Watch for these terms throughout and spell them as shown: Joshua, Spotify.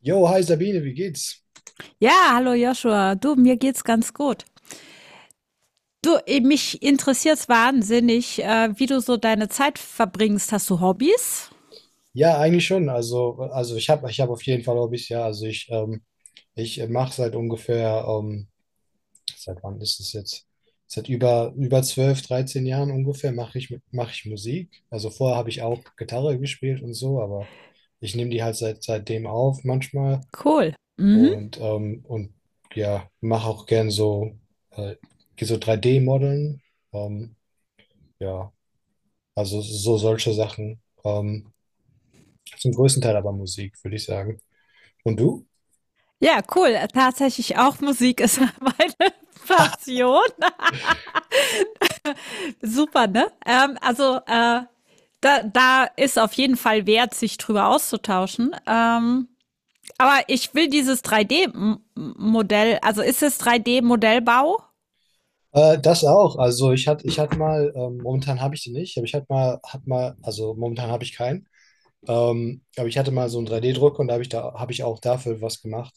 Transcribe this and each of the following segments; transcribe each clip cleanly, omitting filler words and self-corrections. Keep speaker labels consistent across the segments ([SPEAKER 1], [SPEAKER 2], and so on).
[SPEAKER 1] Jo, hi Sabine, wie geht's?
[SPEAKER 2] Ja, hallo Joshua. Du, mir geht's ganz gut. Du, eh, mich interessiert's wahnsinnig, wie du so deine Zeit verbringst. Hast du Hobbys?
[SPEAKER 1] Ja, eigentlich schon. Also ich hab auf jeden Fall Hobbys, ja. Also ich mache seit ungefähr, seit wann ist es jetzt? Seit über 12, 13 Jahren ungefähr mach ich Musik. Also vorher habe ich auch Gitarre gespielt und so, aber ich nehme die halt seitdem auf manchmal
[SPEAKER 2] Cool. Mhm.
[SPEAKER 1] und ja, mache auch gern äh, so 3D-Modeln. Ähm, ja, also so solche Sachen. Zum größten Teil aber Musik, würde ich sagen. Und du?
[SPEAKER 2] Ja, cool. Tatsächlich auch Musik ist meine Passion. Super, ne? Also, da ist auf jeden Fall wert, sich drüber auszutauschen. Aber ich will dieses 3D-Modell, also ist es 3D-Modellbau?
[SPEAKER 1] Das auch. Also ich hatte mal, momentan habe ich die nicht, aber ich hatte mal, also momentan habe ich keinen. Aber ich hatte mal so einen 3D-Druck, und da habe ich auch dafür was gemacht.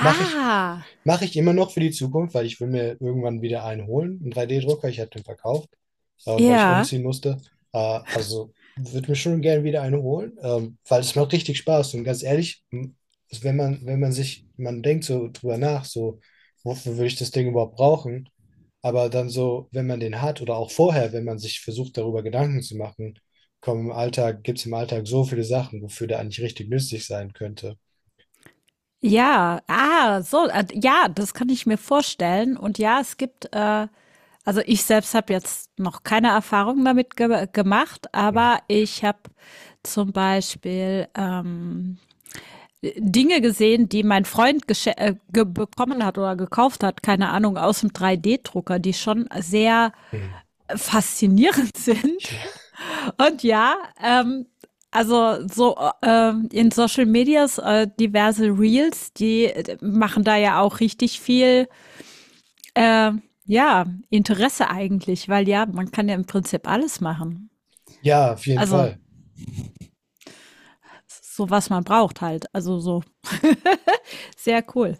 [SPEAKER 1] Mache ich, mache ich immer noch für die Zukunft, weil ich will mir irgendwann wieder einen holen, einen 3D-Drucker. Ich hatte den verkauft, weil ich
[SPEAKER 2] ja.
[SPEAKER 1] umziehen musste. Also würde mir schon gerne wieder einen holen, weil es macht richtig Spaß. Und ganz ehrlich, wenn man sich, man denkt so drüber nach, so, wofür würde ich das Ding überhaupt brauchen? Aber dann so, wenn man den hat oder auch vorher, wenn man sich versucht, darüber Gedanken zu machen, komm, im Alltag gibt es im Alltag so viele Sachen, wofür der eigentlich richtig nützlich sein könnte.
[SPEAKER 2] Ja, ah, so, ja, das kann ich mir vorstellen. Und ja, es gibt, also ich selbst habe jetzt noch keine Erfahrung damit ge gemacht,
[SPEAKER 1] Hm.
[SPEAKER 2] aber ich habe zum Beispiel Dinge gesehen, die mein Freund gesche- ge bekommen hat oder gekauft hat, keine Ahnung, aus dem 3D-Drucker, die schon sehr
[SPEAKER 1] Hm.
[SPEAKER 2] faszinierend sind. Und ja, also so in Social Medias diverse Reels, die machen da ja auch richtig viel, äh, ja, Interesse eigentlich, weil ja, man kann ja im Prinzip alles machen.
[SPEAKER 1] Ja, auf jeden
[SPEAKER 2] Also
[SPEAKER 1] Fall.
[SPEAKER 2] so was man braucht halt. Also so sehr cool.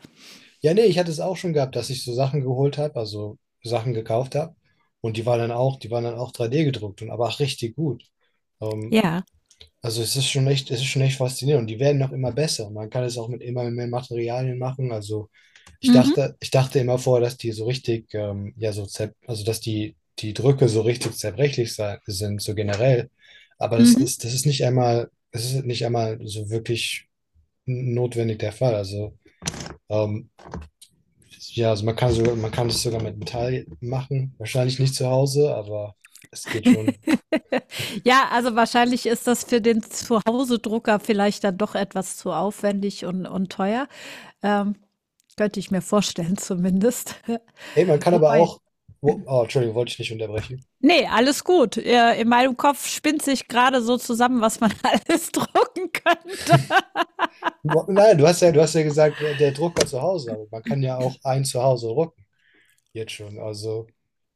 [SPEAKER 1] Ja, nee, ich hatte es auch schon gehabt, dass ich so Sachen geholt habe, also Sachen gekauft habe. Und die waren dann auch 3D gedruckt und aber auch richtig gut. Ähm,
[SPEAKER 2] Ja.
[SPEAKER 1] Also es ist schon echt faszinierend, und die werden noch immer besser. Man kann es auch mit immer mehr Materialien machen. Also ich
[SPEAKER 2] Mhm.
[SPEAKER 1] dachte, ich dachte immer vorher, dass die so richtig, ja, so zer also dass die, die Drücke so richtig zerbrechlich sind, so generell. Aber das
[SPEAKER 2] Mhm.
[SPEAKER 1] ist, das ist nicht einmal, das ist nicht einmal so wirklich notwendig der Fall. Also ähm, ja, also man kann das sogar mit Metall machen. Wahrscheinlich nicht zu Hause, aber es geht schon.
[SPEAKER 2] Ja, also wahrscheinlich ist das für den Zuhause-Drucker vielleicht dann doch etwas zu aufwendig und teuer. Ähm, Könnte ich mir vorstellen zumindest.
[SPEAKER 1] Ey, man kann aber
[SPEAKER 2] Wobei,
[SPEAKER 1] auch, oh, Entschuldigung, wollte ich nicht unterbrechen.
[SPEAKER 2] ne, alles gut. In meinem Kopf spinnt sich gerade so zusammen, was man alles drucken könnte.
[SPEAKER 1] Nein, du hast ja gesagt, der Drucker zu Hause, aber man kann ja auch ein Zuhause drucken, jetzt schon. Also,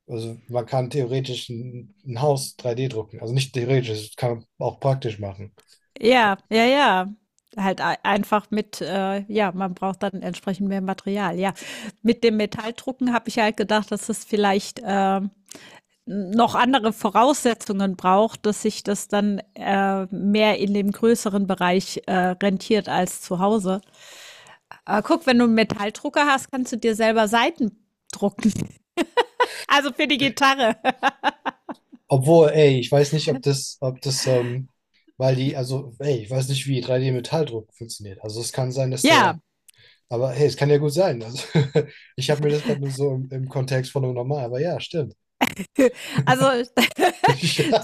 [SPEAKER 1] also man kann theoretisch ein Haus 3D drucken. Also nicht theoretisch, das kann man auch praktisch machen.
[SPEAKER 2] Ja, ja, ja. Halt ei einfach mit, ja, man braucht dann entsprechend mehr Material, ja. Mit dem Metalldrucken habe ich halt gedacht, dass es vielleicht, noch andere Voraussetzungen braucht, dass sich das dann, mehr in dem größeren Bereich, rentiert als zu Hause. Guck, wenn du 'n Metalldrucker hast, kannst du dir selber Saiten drucken. Also, für die Gitarre.
[SPEAKER 1] Obwohl, ey, ich weiß nicht, weil die, also, ey, ich weiß nicht, wie 3D-Metalldruck funktioniert. Also es kann sein, dass
[SPEAKER 2] Ja.
[SPEAKER 1] der, aber hey, es kann ja gut sein. Also, ich habe mir das gerade nur so im Kontext von einem normal, aber ja, stimmt.
[SPEAKER 2] Also,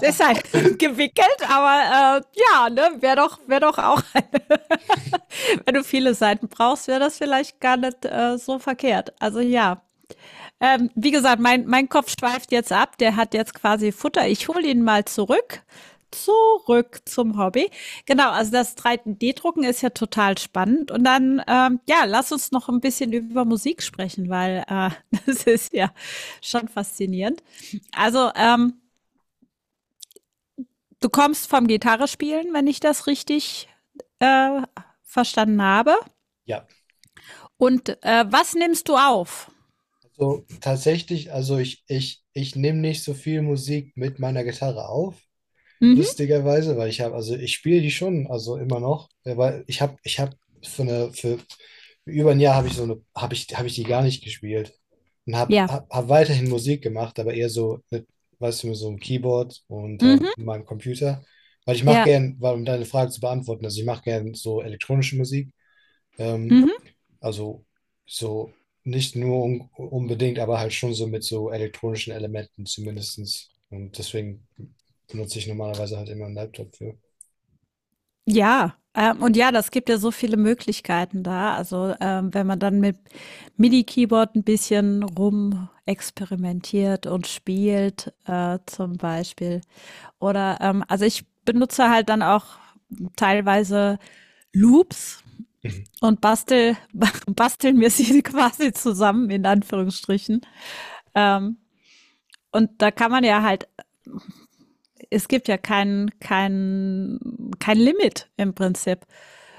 [SPEAKER 2] deshalb gewickelt, aber, ja, ne, wäre doch auch eine, wenn du viele Seiten brauchst, wäre das vielleicht gar nicht, so verkehrt. Also, ja. Wie gesagt, mein Kopf schweift jetzt ab. Der hat jetzt quasi Futter. Ich hole ihn mal zurück. Zurück zum Hobby. Genau, also das 3D-Drucken ist ja total spannend. Und dann, ja, lass uns noch ein bisschen über Musik sprechen, weil, das ist ja schon faszinierend. Also. Du kommst vom Gitarrespielen, wenn ich das richtig äh, verstanden habe.
[SPEAKER 1] Ja,
[SPEAKER 2] Und was nimmst du auf?
[SPEAKER 1] so, tatsächlich, also ich nehme nicht so viel Musik mit meiner Gitarre auf,
[SPEAKER 2] Mhm.
[SPEAKER 1] lustigerweise, weil ich habe, also ich spiele die schon, also immer noch, ja, weil ich habe für über ein Jahr habe ich so eine, habe ich die gar nicht gespielt und habe
[SPEAKER 2] Ja.
[SPEAKER 1] hab, hab weiterhin Musik gemacht, aber eher so mit, weißt du, mit so einem Keyboard und
[SPEAKER 2] Mhm.
[SPEAKER 1] meinem Computer, weil ich mache
[SPEAKER 2] Ja.
[SPEAKER 1] gern, weil um deine Frage zu beantworten, also ich mache gern so elektronische Musik. Ähm,
[SPEAKER 2] Mhm.
[SPEAKER 1] also so nicht nur un unbedingt, aber halt schon so mit so elektronischen Elementen zumindestens. Und deswegen benutze ich normalerweise halt immer einen Laptop für.
[SPEAKER 2] Ja. Und ja, das gibt ja so viele Möglichkeiten da. Also wenn man dann mit MIDI-Keyboard ein bisschen rumexperimentiert und spielt, zum Beispiel. Oder also ich benutze halt dann auch teilweise Loops
[SPEAKER 1] Mhm.
[SPEAKER 2] und bastel, basteln wir sie quasi zusammen, in Anführungsstrichen. Ähm, und da kann man ja halt, es gibt ja kein Limit im Prinzip,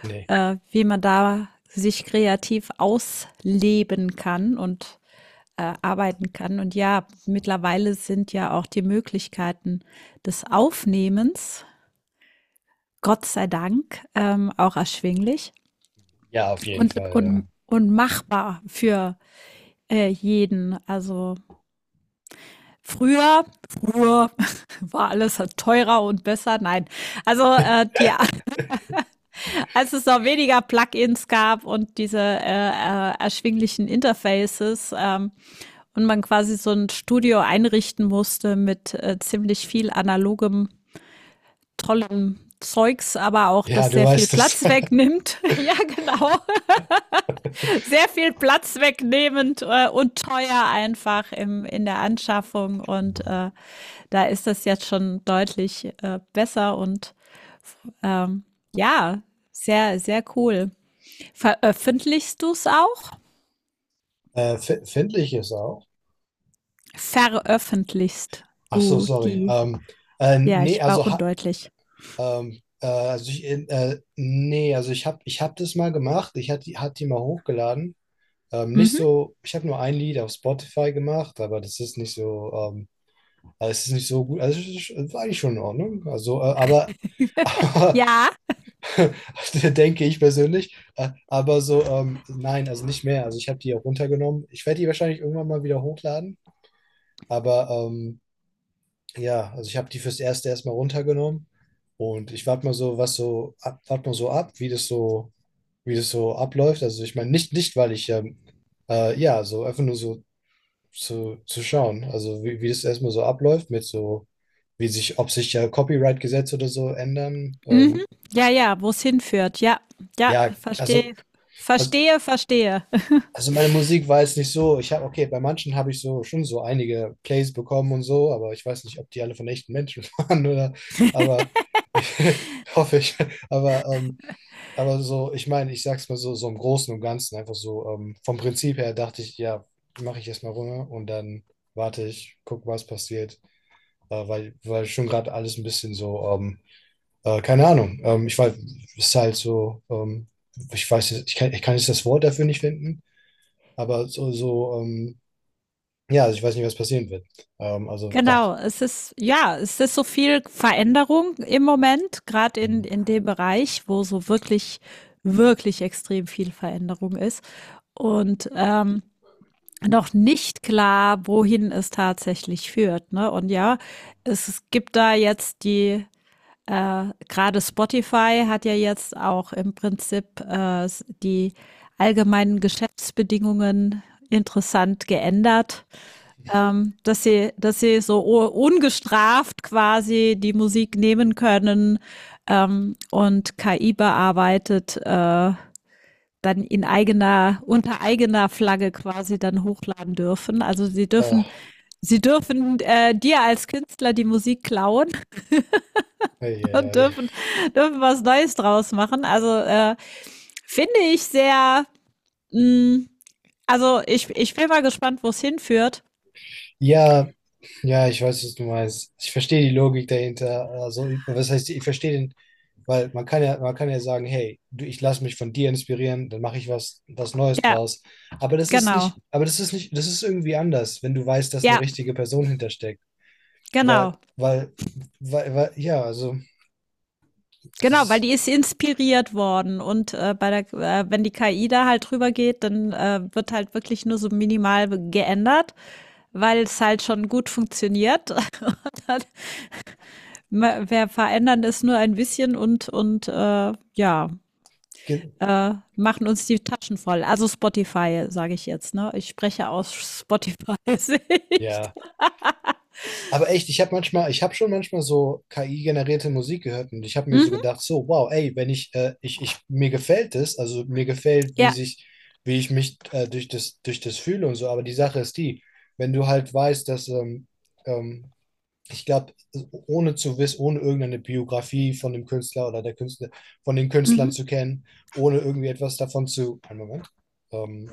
[SPEAKER 1] Nee.
[SPEAKER 2] wie man da sich kreativ ausleben kann und arbeiten kann. Und ja, mittlerweile sind ja auch die Möglichkeiten des Aufnehmens, Gott sei Dank, auch erschwinglich
[SPEAKER 1] Ja, auf jeden
[SPEAKER 2] und,
[SPEAKER 1] Fall, ja.
[SPEAKER 2] und, und machbar für jeden. Also, früher, früher war alles halt teurer und besser. Nein, also die, als es noch weniger Plugins gab und diese erschwinglichen Interfaces, und man quasi so ein Studio einrichten musste mit ziemlich viel analogem, tollem Zeugs, aber auch
[SPEAKER 1] Ja,
[SPEAKER 2] das
[SPEAKER 1] du
[SPEAKER 2] sehr viel
[SPEAKER 1] weißt es.
[SPEAKER 2] Platz wegnimmt. Ja, genau. Sehr viel Platz wegnehmend, und teuer einfach in der Anschaffung. Und da ist das jetzt schon deutlich besser und ähm, ja, sehr, sehr cool. Veröffentlichst du es auch?
[SPEAKER 1] Findlich ist auch.
[SPEAKER 2] Veröffentlichst
[SPEAKER 1] Ach so,
[SPEAKER 2] du
[SPEAKER 1] sorry.
[SPEAKER 2] die? Ja,
[SPEAKER 1] Nee,
[SPEAKER 2] ich war
[SPEAKER 1] also,
[SPEAKER 2] undeutlich.
[SPEAKER 1] also ich, nee, also ich hab das mal gemacht. Ich hatte hat die mal hochgeladen. Nicht
[SPEAKER 2] Mhm.
[SPEAKER 1] so, ich habe nur ein Lied auf Spotify gemacht, aber das ist nicht so, also es ist nicht so gut. Also es war eigentlich schon in Ordnung. Also, aber,
[SPEAKER 2] Ja,
[SPEAKER 1] aber denke ich persönlich. Aber so, nein, also nicht mehr. Also ich habe die auch runtergenommen. Ich werde die wahrscheinlich irgendwann mal wieder hochladen. Aber ja, also ich habe die fürs Erste erstmal runtergenommen. Und ich warte mal so ab, wie das so abläuft. Also ich meine, nicht, weil ich ja, so einfach nur so zu schauen. Also wie das erstmal so abläuft mit so, wie sich, ob sich ja Copyright-Gesetze oder so ändern.
[SPEAKER 2] mhm. Ja, ja, wo es hinführt. Ja, ja,
[SPEAKER 1] Ja,
[SPEAKER 2] verstehe,
[SPEAKER 1] also,
[SPEAKER 2] verstehe, verstehe.
[SPEAKER 1] also meine Musik war jetzt nicht so, ich habe, okay, bei manchen habe ich so schon so einige Plays bekommen und so, aber ich weiß nicht, ob die alle von echten Menschen waren oder, aber hoffe ich. Aber, ähm, aber so, ich meine, ich sag's mal so, so im Großen und Ganzen, einfach so, vom Prinzip her dachte ich, ja, mache ich erstmal runter und dann warte ich, guck, was passiert. Weil schon gerade alles ein bisschen so, keine Ahnung. Ich weiß, es ist halt so, ich weiß, ich kann jetzt das Wort dafür nicht finden, aber ja, also ich weiß nicht, was passieren wird. Also dachte,
[SPEAKER 2] Genau, es ist ja, es ist so viel Veränderung im Moment, gerade in dem Bereich, wo so wirklich, wirklich extrem viel Veränderung ist und, noch nicht klar, wohin es tatsächlich führt, ne? Und ja, es gibt da jetzt die, gerade Spotify hat ja jetzt auch im Prinzip, die allgemeinen Geschäftsbedingungen interessant geändert, dass sie so ungestraft quasi die Musik nehmen können, und KI bearbeitet, dann in eigener, unter eigener Flagge quasi dann hochladen dürfen. Also sie
[SPEAKER 1] äh,
[SPEAKER 2] dürfen Sie dürfen dir als Künstler die Musik klauen
[SPEAKER 1] ei, ei,
[SPEAKER 2] und
[SPEAKER 1] ei.
[SPEAKER 2] dürfen was Neues draus machen. Also finde ich sehr, mh, also ich bin mal gespannt, wo es hinführt.
[SPEAKER 1] Ja, ja, ich weiß, was du meinst. Ich verstehe die Logik dahinter. Also, was heißt, ich verstehe den. Weil man kann ja sagen, hey, du, ich lasse mich von dir inspirieren, dann mache ich was, Neues
[SPEAKER 2] Ja,
[SPEAKER 1] draus. Aber
[SPEAKER 2] genau.
[SPEAKER 1] das ist irgendwie anders, wenn du weißt, dass eine
[SPEAKER 2] Ja,
[SPEAKER 1] richtige Person hintersteckt. Weil,
[SPEAKER 2] genau.
[SPEAKER 1] weil, weil ja, also es
[SPEAKER 2] Genau, weil
[SPEAKER 1] ist,
[SPEAKER 2] die ist inspiriert worden, und, bei der, wenn die KI da halt drüber geht, dann, wird halt wirklich nur so minimal geändert, weil es halt schon gut funktioniert. Und dann, ma wir verändern es nur ein bisschen und, ja,
[SPEAKER 1] ge-
[SPEAKER 2] machen uns die Taschen voll. Also, Spotify, sage ich jetzt, ne? Ich spreche aus Spotify-Sicht.
[SPEAKER 1] ja. Aber echt, ich habe schon manchmal so KI-generierte Musik gehört, und ich habe mir so
[SPEAKER 2] Mhm,
[SPEAKER 1] gedacht, so, wow, ey, wenn ich, mir gefällt es, also mir gefällt, wie
[SPEAKER 2] ja.
[SPEAKER 1] sich, wie ich mich durch das fühle und so, aber die Sache ist die, wenn du halt weißt, dass, ähm, ich glaube, ohne zu wissen, ohne irgendeine Biografie von dem Künstler oder der Künstler, von den
[SPEAKER 2] Mhm,
[SPEAKER 1] Künstlern zu kennen, ohne irgendwie etwas davon zu, einen Moment, ähm,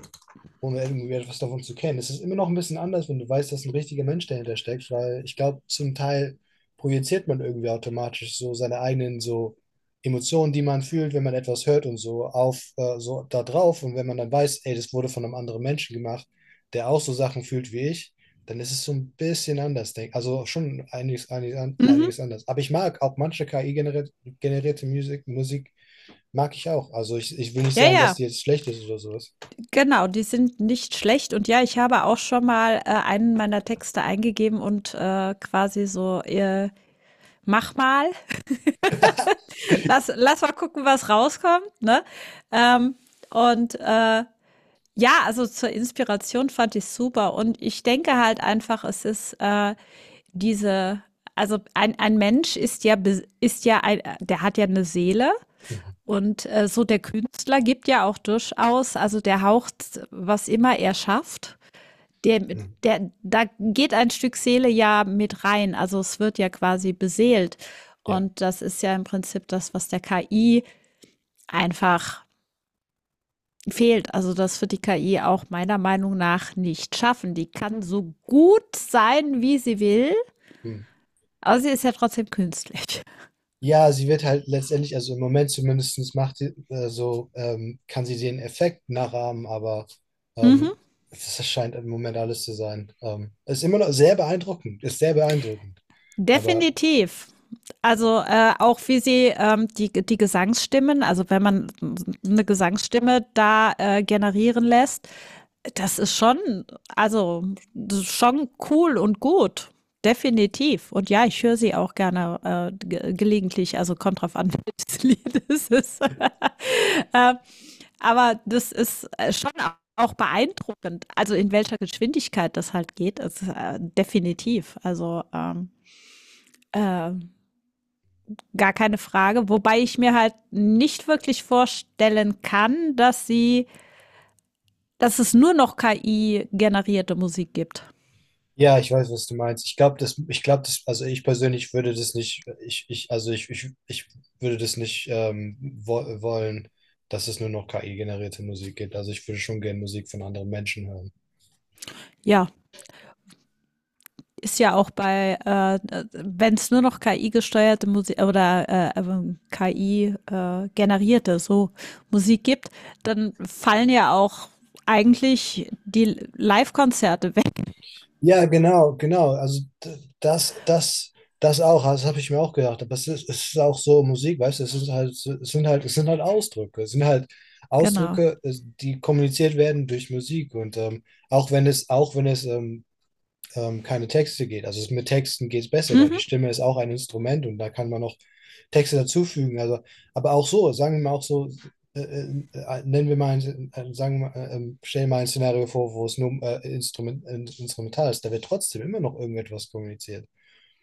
[SPEAKER 1] ohne irgendwie etwas davon zu kennen. Es ist immer noch ein bisschen anders, wenn du weißt, dass ein richtiger Mensch dahinter steckt, weil ich glaube, zum Teil projiziert man irgendwie automatisch so seine eigenen so Emotionen, die man fühlt, wenn man etwas hört und so auf so da drauf, und wenn man dann weiß, ey, das wurde von einem anderen Menschen gemacht, der auch so Sachen fühlt wie ich, dann ist es so ein bisschen anders, denk, also schon
[SPEAKER 2] mhm.
[SPEAKER 1] einiges anders. Aber ich mag auch manche KI-generierte Musik, Musik mag ich auch. Also ich will nicht
[SPEAKER 2] Ja,
[SPEAKER 1] sagen, dass
[SPEAKER 2] ja.
[SPEAKER 1] die jetzt schlecht ist oder sowas.
[SPEAKER 2] Genau, die sind nicht schlecht. Und ja, ich habe auch schon mal, einen meiner Texte eingegeben und, quasi so, „Mach mal, lass mal gucken, was rauskommt", ne? Ähm, und, ja, also zur Inspiration fand ich super. Und ich denke halt einfach, es ist, diese, also ein Mensch ist ja, bes ist ja ein, der hat ja eine Seele und, so der Künstler gibt ja auch durchaus, also der haucht, was immer er schafft, Der, der, da geht ein Stück Seele ja mit rein. Also es wird ja quasi beseelt.
[SPEAKER 1] Ja.
[SPEAKER 2] Und das ist ja im Prinzip das, was der KI einfach fehlt. Also das wird die KI auch meiner Meinung nach nicht schaffen. Die kann so gut sein, wie sie will,
[SPEAKER 1] Hm.
[SPEAKER 2] aber sie ist ja trotzdem künstlich.
[SPEAKER 1] Ja, sie wird halt letztendlich, also im Moment zumindest macht sie, so, kann sie den Effekt nachahmen, aber
[SPEAKER 2] Mhm.
[SPEAKER 1] ähm, das scheint im Moment alles zu sein. Ist immer noch sehr beeindruckend, ist sehr beeindruckend. Aber
[SPEAKER 2] Definitiv. Also, auch wie sie, die Gesangsstimmen, also, wenn man eine Gesangsstimme da, generieren lässt, das ist schon also, das ist schon cool und gut, definitiv. Und ja, ich höre sie auch gerne, ge gelegentlich, also, kommt drauf an, welches Lied es ist. Aber das ist, schon auch beeindruckend, also, in welcher Geschwindigkeit das halt geht, ist, definitiv. Also, ähm, äh, Gar keine Frage, wobei ich mir halt nicht wirklich vorstellen kann, dass es nur noch KI-generierte Musik gibt.
[SPEAKER 1] ja, ich weiß, was du meinst. Also ich persönlich würde das nicht, ich, also ich würde das nicht wo wollen, dass es nur noch KI-generierte Musik gibt. Also ich würde schon gerne Musik von anderen Menschen hören.
[SPEAKER 2] Ja, ist ja auch bei, wenn es nur noch KI-gesteuerte Musik oder KI-generierte so Musik gibt, dann fallen ja auch eigentlich die Live-Konzerte weg.
[SPEAKER 1] Ja, genau, genau. Also das auch, das habe ich mir auch gedacht. Aber es ist auch so Musik, weißt du, es ist halt, es sind halt Ausdrücke. Es sind halt
[SPEAKER 2] Genau.
[SPEAKER 1] Ausdrücke, die kommuniziert werden durch Musik. Und auch wenn es keine Texte geht. Mit Texten geht es besser, weil die
[SPEAKER 2] Mhm.
[SPEAKER 1] Stimme ist auch ein Instrument und da kann man noch Texte dazufügen. Also, aber auch so, sagen wir mal auch so, nennen wir mal, ein, stellen wir mal ein Szenario vor, wo es nur instrumental ist, da wird trotzdem immer noch irgendetwas kommuniziert.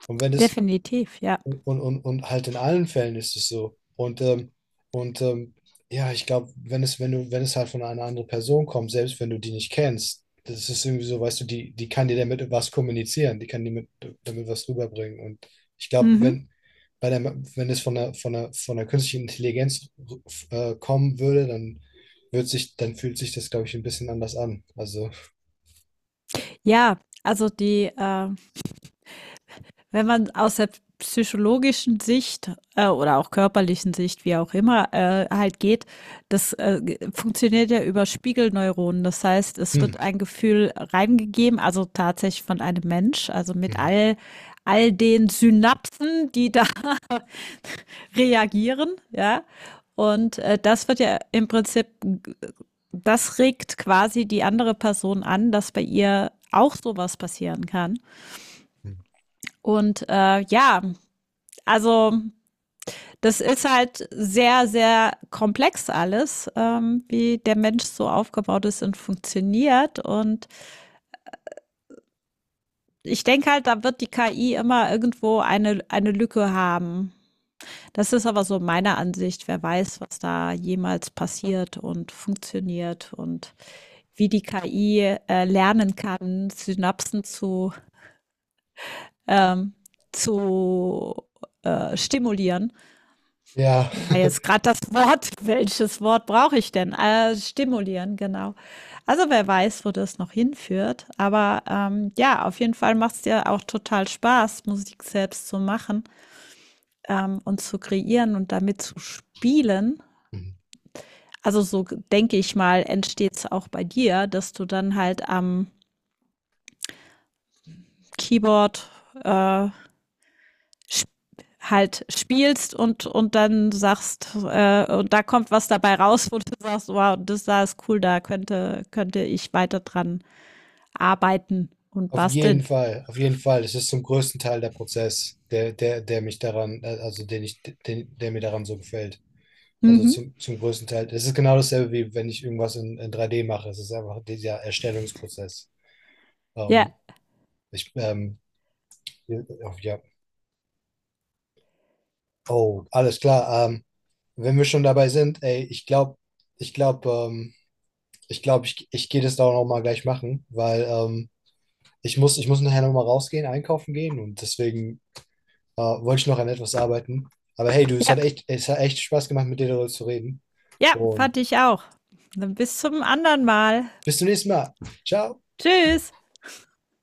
[SPEAKER 1] Und wenn es
[SPEAKER 2] Definitiv, ja.
[SPEAKER 1] und halt in allen Fällen ist es so. Und, und ähm, ja, ich glaube, wenn es halt von einer anderen Person kommt, selbst wenn du die nicht kennst, das ist irgendwie so, weißt du, die, die kann dir damit was kommunizieren, die kann dir mit, damit was rüberbringen. Und ich glaube,
[SPEAKER 2] Mhm.
[SPEAKER 1] wenn, bei der, wenn es von der künstlichen Intelligenz kommen würde, dann dann fühlt sich das, glaube ich, ein bisschen anders an. Also,
[SPEAKER 2] Ja, also die wenn man aus der psychologischen Sicht, oder auch körperlichen Sicht, wie auch immer, halt geht, das, funktioniert ja über Spiegelneuronen. Das heißt, es
[SPEAKER 1] hm,
[SPEAKER 2] wird ein Gefühl reingegeben, also tatsächlich von einem Mensch, also mit
[SPEAKER 1] mhm.
[SPEAKER 2] all den Synapsen, die da reagieren, ja. Und das wird ja im Prinzip, das regt quasi die andere Person an, dass bei ihr auch sowas passieren kann.
[SPEAKER 1] Mhm.
[SPEAKER 2] Und ja, also das ist halt sehr, sehr komplex alles, wie der Mensch so aufgebaut ist und funktioniert. Und ich denke halt, da wird die KI immer irgendwo eine Lücke haben. Das ist aber so meine Ansicht. Wer weiß, was da jemals passiert und funktioniert und wie die KI, lernen kann, Synapsen ähm, zu stimulieren.
[SPEAKER 1] Ja.
[SPEAKER 2] War jetzt gerade das Wort. Welches Wort brauche ich denn? Stimulieren, genau. Also, wer weiß, wo das noch hinführt. Aber, ja, auf jeden Fall macht's dir auch total Spaß, Musik selbst zu machen, und zu kreieren und damit zu spielen. Also, so denke ich mal, entsteht's auch bei dir, dass du dann halt am Keyboard, äh, sp halt spielst und dann sagst, und da kommt was dabei raus, wo du sagst, wow, das da ist cool, da könnte ich weiter dran arbeiten und
[SPEAKER 1] Auf jeden
[SPEAKER 2] basteln.
[SPEAKER 1] Fall, auf jeden Fall. Es ist zum größten Teil der Prozess, der mich daran, also der mir daran so gefällt. Also
[SPEAKER 2] Mhm.
[SPEAKER 1] zum größten Teil. Es ist genau dasselbe, wie wenn ich irgendwas in 3D mache. Es ist einfach dieser Erstellungsprozess.
[SPEAKER 2] Ja,
[SPEAKER 1] Ähm, ich, ähm, ja, ja. Oh, alles klar. Wenn wir schon dabei sind, ey, ich glaube, ähm, ich gehe das da auch noch mal gleich machen, weil ich muss nachher noch mal rausgehen, einkaufen gehen und deswegen wollte ich noch an etwas arbeiten. Aber hey, du,
[SPEAKER 2] ja,
[SPEAKER 1] es hat echt Spaß gemacht, mit dir darüber zu reden.
[SPEAKER 2] ja,
[SPEAKER 1] Und
[SPEAKER 2] fand ich auch. Dann bis zum anderen Mal.
[SPEAKER 1] bis zum nächsten Mal. Ciao.
[SPEAKER 2] Tschüss.